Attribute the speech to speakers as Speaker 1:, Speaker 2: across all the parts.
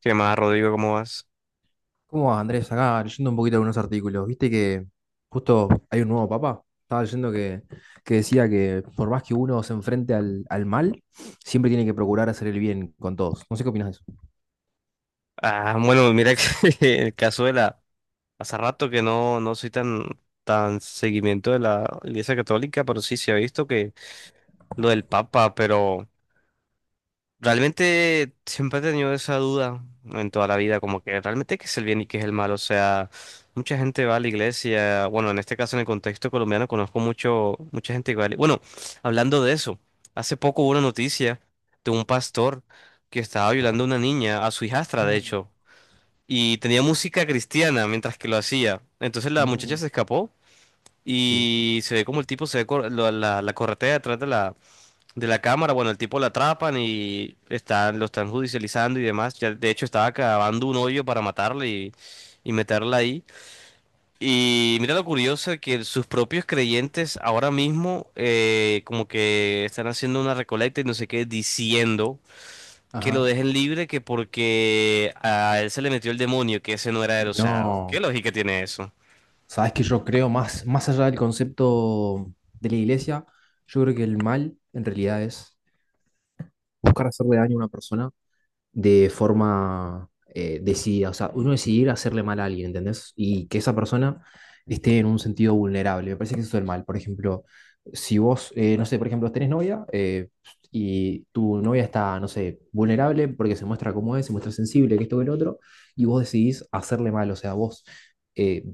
Speaker 1: ¿Qué más, Rodrigo? ¿Cómo vas?
Speaker 2: ¿Cómo va, Andrés? Acá leyendo un poquito algunos artículos. Viste que justo hay un nuevo papa. Estaba leyendo que decía que por más que uno se enfrente al mal, siempre tiene que procurar hacer el bien con todos. No sé qué opinas de eso.
Speaker 1: Ah, bueno, mira que el caso de la... Hace rato que no soy tan, tan seguimiento de la Iglesia Católica, pero sí se ha visto que lo del Papa, pero realmente siempre he tenido esa duda en toda la vida, como que realmente qué es el bien y qué es el mal. O sea, mucha gente va a la iglesia. Bueno, en este caso, en el contexto colombiano, conozco mucha gente que va a la... Bueno, hablando de eso, hace poco hubo una noticia de un pastor que estaba
Speaker 2: Ajá.
Speaker 1: violando a una niña, a su hijastra, de
Speaker 2: No,
Speaker 1: hecho, y tenía música cristiana mientras que lo hacía. Entonces la muchacha
Speaker 2: no,
Speaker 1: se escapó
Speaker 2: sí.
Speaker 1: y se ve como el tipo se ve la corretea detrás de la cámara. Bueno, el tipo lo atrapan y están, lo están judicializando y demás. Ya, de hecho, estaba cavando un hoyo para matarle y meterla ahí. Y mira lo curioso que sus propios creyentes ahora mismo como que están haciendo una recolecta y no sé qué, diciendo que lo
Speaker 2: Ajá.
Speaker 1: dejen libre, que porque a él se le metió el demonio, que ese no era él. O sea, ¿qué
Speaker 2: No.
Speaker 1: lógica tiene eso?
Speaker 2: Sabes que yo creo más, más allá del concepto de la iglesia, yo creo que el mal en realidad es buscar hacerle daño a una persona de forma decidida. O sea, uno decidir hacerle mal a alguien, ¿entendés? Y que esa persona esté en un sentido vulnerable. Me parece que eso es el mal. Por ejemplo, si vos, no sé, por ejemplo, tenés novia y tu novia está, no sé, vulnerable porque se muestra como es, se muestra sensible, que esto, que el otro, y vos decidís hacerle mal. O sea, vos, eh,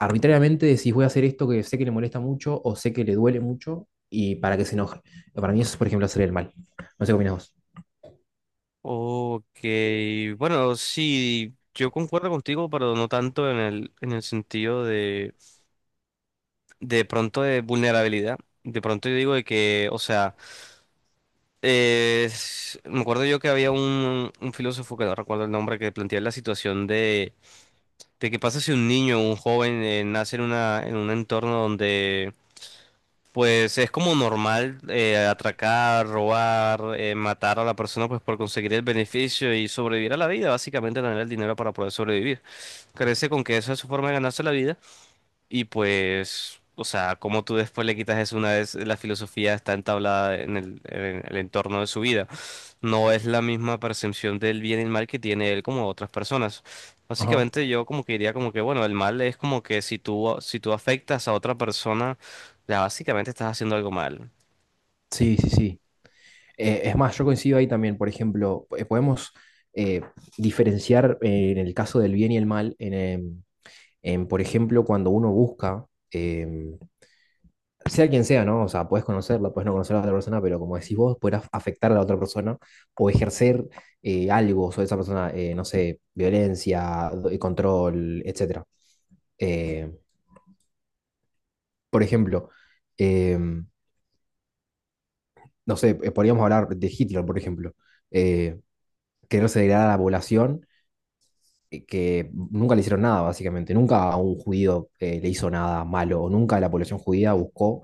Speaker 2: arbitrariamente decís voy a hacer esto que sé que le molesta mucho o sé que le duele mucho y para que se enoje. Para mí eso es, por ejemplo, hacer el mal. No sé qué opinas vos.
Speaker 1: Ok, bueno, sí, yo concuerdo contigo, pero no tanto en en el sentido de pronto de vulnerabilidad. De pronto yo digo de que, o sea, me acuerdo yo que había un filósofo que no recuerdo el nombre, que planteaba la situación de qué pasa si un niño o un joven nace en una, en un entorno donde pues es como normal atracar, robar, matar a la persona pues por conseguir el beneficio y sobrevivir a la vida, básicamente tener el dinero para poder sobrevivir.
Speaker 2: Ujú.
Speaker 1: Crece con que esa es su forma de ganarse la vida. Y pues, o sea, como tú después le quitas eso una vez la filosofía está entablada en el entorno de su vida. No es la misma percepción del bien y el mal que tiene él como otras personas.
Speaker 2: Ajá.
Speaker 1: Básicamente yo como que diría como que, bueno, el mal es como que si tú afectas a otra persona, ya básicamente estás haciendo algo mal.
Speaker 2: Sí, sí, sí. Es más, yo coincido ahí también, por ejemplo, podemos eh, diferenciar en el caso del bien y el mal, en, por ejemplo, cuando uno busca, em, sea quien sea, ¿no? O sea, puedes conocerla, puedes no conocer a la otra persona, pero como decís vos, puedes afectar a la otra persona o ejercer algo sobre esa persona, no sé, violencia, control, etcétera. Eh, por ejemplo, em, no sé, podríamos hablar de Hitler, por ejemplo. eh, Quererse degradar a la población que nunca le hicieron nada, básicamente. Nunca a un judío le hizo nada malo, o nunca la población judía buscó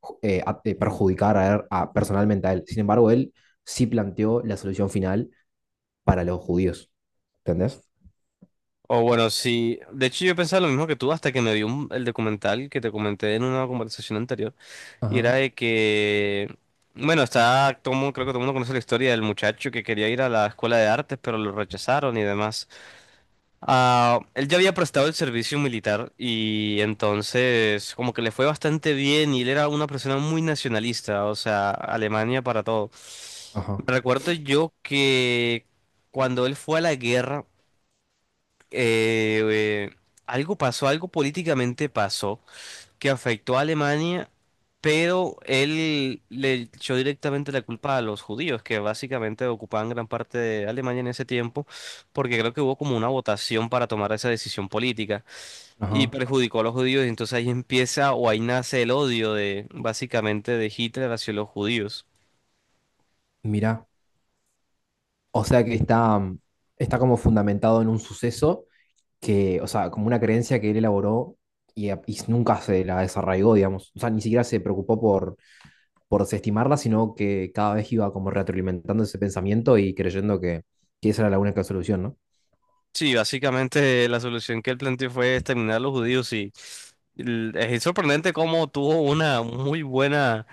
Speaker 2: perjudicar personalmente a él. Sin embargo, él sí planteó la solución final para los judíos. ¿Entendés?
Speaker 1: O bueno, sí, de hecho yo pensaba lo mismo que tú hasta que me vi el documental que te comenté en una conversación anterior. Y era
Speaker 2: Ajá,
Speaker 1: de que, bueno, está, creo que todo el mundo conoce la historia del muchacho que quería ir a la escuela de artes, pero lo rechazaron y demás. Ah, él ya había prestado el servicio militar y entonces como que le fue bastante bien, y él era una persona muy nacionalista, o sea, Alemania para todo.
Speaker 2: ajá,
Speaker 1: Recuerdo yo que cuando él fue a la guerra, eh, eh, algo pasó, algo políticamente pasó que afectó a Alemania, pero él le echó directamente la culpa a los judíos, que básicamente ocupaban gran parte de Alemania en ese tiempo, porque creo que hubo como una votación para tomar esa decisión política y
Speaker 2: ajá.
Speaker 1: perjudicó a los judíos, y entonces ahí empieza o ahí nace el odio de básicamente de Hitler hacia los judíos.
Speaker 2: Mira, o sea que está como fundamentado en un suceso que, o sea, como una creencia que él elaboró y nunca se la desarraigó, digamos. O sea, ni siquiera se preocupó por desestimarla, sino que cada vez iba como retroalimentando ese pensamiento y creyendo que esa era la única solución, ¿no?
Speaker 1: Sí, básicamente la solución que él planteó fue exterminar a los judíos, y es sorprendente cómo tuvo una muy buena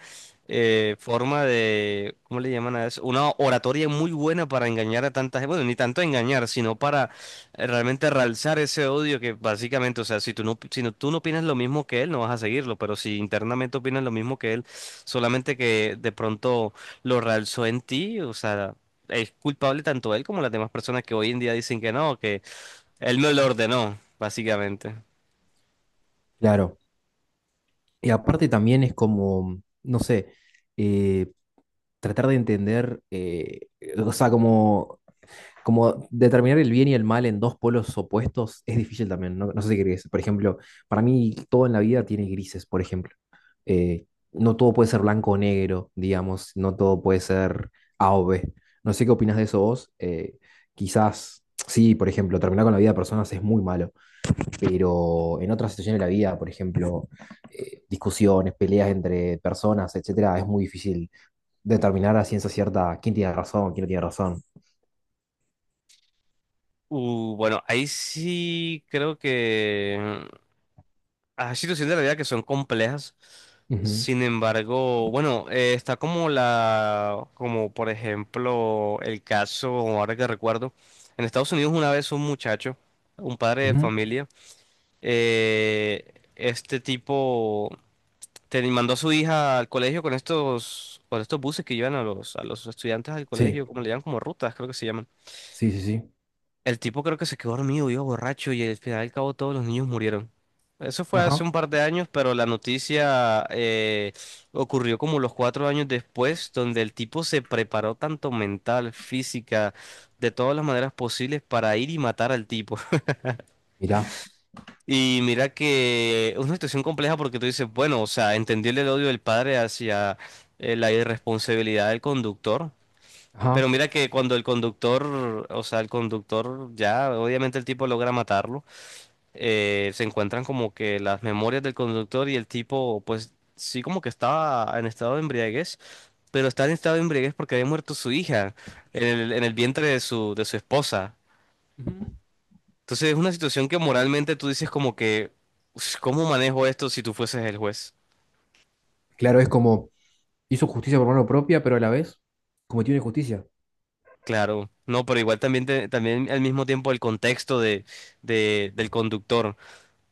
Speaker 1: forma de, ¿cómo le llaman a eso? Una oratoria muy buena para engañar a tanta gente, bueno, ni tanto engañar, sino para realmente realzar ese odio que básicamente, o sea, tú no opinas lo mismo que él, no vas a seguirlo, pero si internamente opinas lo mismo que él, solamente que de pronto lo realzó en ti, o sea... Es culpable tanto él como las demás personas que hoy en día dicen que no, él me lo ordenó, básicamente.
Speaker 2: Claro. Y aparte también es como, no sé, eh, tratar de entender, o sea, como determinar el bien y el mal en dos polos opuestos es difícil también, ¿no? No sé si crees. Por ejemplo, para mí todo en la vida tiene grises, por ejemplo. eh, no todo puede ser blanco o negro, digamos, no todo puede ser A o B. No sé qué opinas de eso vos. Quizás, sí, por ejemplo, terminar con la vida de personas es muy malo, pero en otras situaciones de la vida, por ejemplo, discusiones, peleas entre personas, etcétera, es muy difícil determinar a ciencia cierta quién tiene razón, quién no tiene razón.
Speaker 1: Bueno, ahí sí creo que mm, hay situaciones de la vida que son complejas.
Speaker 2: Ujú,
Speaker 1: Sin embargo, bueno, está como la, como por ejemplo el caso, ahora que recuerdo, en Estados Unidos una vez un muchacho, un padre de
Speaker 2: ujú.
Speaker 1: familia, este tipo mandó a su hija al colegio con estos buses que llevan a los estudiantes al
Speaker 2: Sí,
Speaker 1: colegio, como le llaman, como rutas, creo que se llaman.
Speaker 2: sí, sí, sí.
Speaker 1: El tipo creo que se quedó dormido, vio borracho, y al final y al cabo todos los niños murieron. Eso fue hace
Speaker 2: Ajá.
Speaker 1: un par de años, pero la noticia ocurrió como los cuatro años después, donde el tipo se preparó tanto mental, física, de todas las maneras posibles para ir y matar al tipo.
Speaker 2: Mirá.
Speaker 1: Y mira que es una situación compleja porque tú dices, bueno, o sea, entendible el odio del padre hacia la irresponsabilidad del conductor. Pero
Speaker 2: Ajá.
Speaker 1: mira que cuando el conductor, o sea, el conductor ya, obviamente el tipo logra matarlo, se encuentran como que las memorias del conductor, y el tipo pues sí como que estaba en estado de embriaguez, pero está en estado de embriaguez porque había muerto su hija en el vientre de su esposa.
Speaker 2: Ujú.
Speaker 1: Entonces es una situación que moralmente tú dices como que: "Ush, ¿cómo manejo esto si tú fueses el juez?".
Speaker 2: Claro, es como hizo justicia por mano propia, pero a la vez cometió una injusticia.
Speaker 1: Claro, no, pero igual también, también al mismo tiempo el contexto de, del conductor.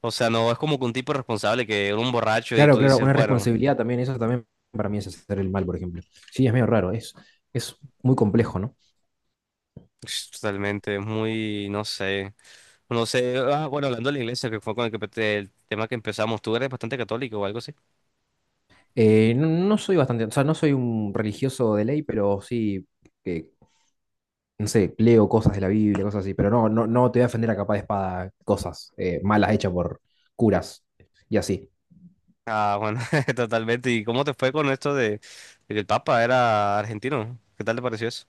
Speaker 1: O sea, no es como que un tipo responsable que era un borracho y
Speaker 2: Claro,
Speaker 1: tú
Speaker 2: claro,
Speaker 1: dices,
Speaker 2: una
Speaker 1: bueno,
Speaker 2: responsabilidad también, eso también para mí es hacer el mal, por ejemplo. Sí, es medio raro, es muy complejo, ¿no?
Speaker 1: ush, totalmente, es muy, no sé. No sé, ah, bueno, hablando de la iglesia, que fue con el, que, el tema que empezamos, tú eres bastante católico o algo así.
Speaker 2: No, no soy bastante, o sea, no soy un religioso de ley, pero sí, que, no sé, leo cosas de la Biblia, cosas así, pero no, no, no te voy a defender a capa de espada cosas malas hechas por curas y así.
Speaker 1: Ah, bueno, totalmente. ¿Y cómo te fue con esto de que el Papa era argentino? ¿Qué tal te pareció eso?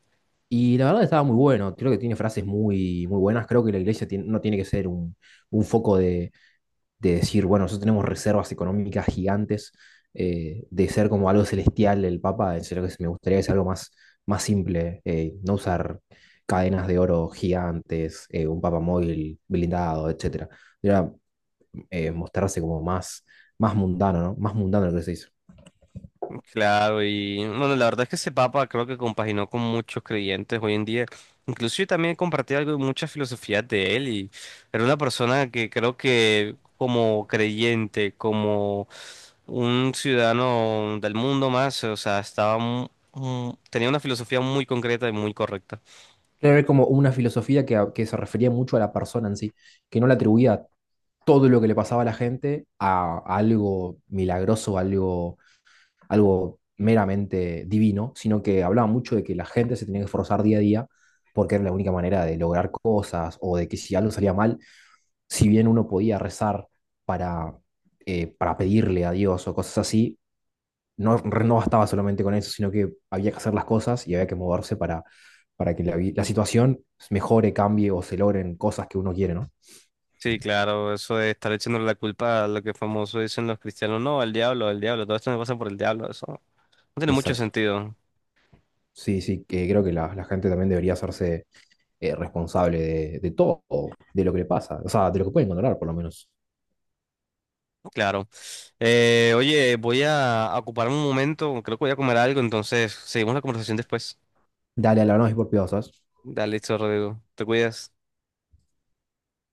Speaker 2: Y la verdad estaba muy bueno, creo que tiene frases muy, muy buenas, creo que la iglesia no tiene que ser un foco de decir, bueno, nosotros tenemos reservas económicas gigantes, de ser como algo celestial el Papa, en serio que sí, me gustaría que sea algo más, más simple, no usar cadenas de oro gigantes, un Papa móvil blindado, etcétera. Era mostrarse como más, más mundano, ¿no? Más mundano lo que se hizo.
Speaker 1: Claro, y bueno, la verdad es que ese Papa creo que compaginó con muchos creyentes hoy en día. Incluso yo también compartí algo de muchas filosofías de él, y era una persona que creo que como creyente, como un ciudadano del mundo más, o sea, estaba tenía una filosofía muy concreta y muy correcta.
Speaker 2: Era como una filosofía que se refería mucho a la persona en sí, que no le atribuía todo lo que le pasaba a la gente a algo milagroso, algo meramente divino, sino que hablaba mucho de que la gente se tenía que esforzar día a día porque era la única manera de lograr cosas o de que si algo salía mal, si bien uno podía rezar para, para pedirle a Dios o cosas así, no, no bastaba solamente con eso, sino que había que hacer las cosas y había que moverse para que la situación mejore, cambie o se logren cosas que uno quiere, ¿no?
Speaker 1: Sí, claro, eso de estar echándole la culpa a lo que famoso dicen los cristianos, no, al diablo, todo esto me pasa por el diablo, eso no tiene mucho
Speaker 2: Exacto.
Speaker 1: sentido.
Speaker 2: Sí, sí, que creo que la gente también debería hacerse responsable de todo, de lo que le pasa, o sea, de lo que pueden controlar, por lo menos.
Speaker 1: Claro. Oye, voy a ocupar un momento, creo que voy a comer algo, entonces seguimos la conversación después.
Speaker 2: Dale a la y por piadosas
Speaker 1: Dale, listo, Rodrigo. Te cuidas.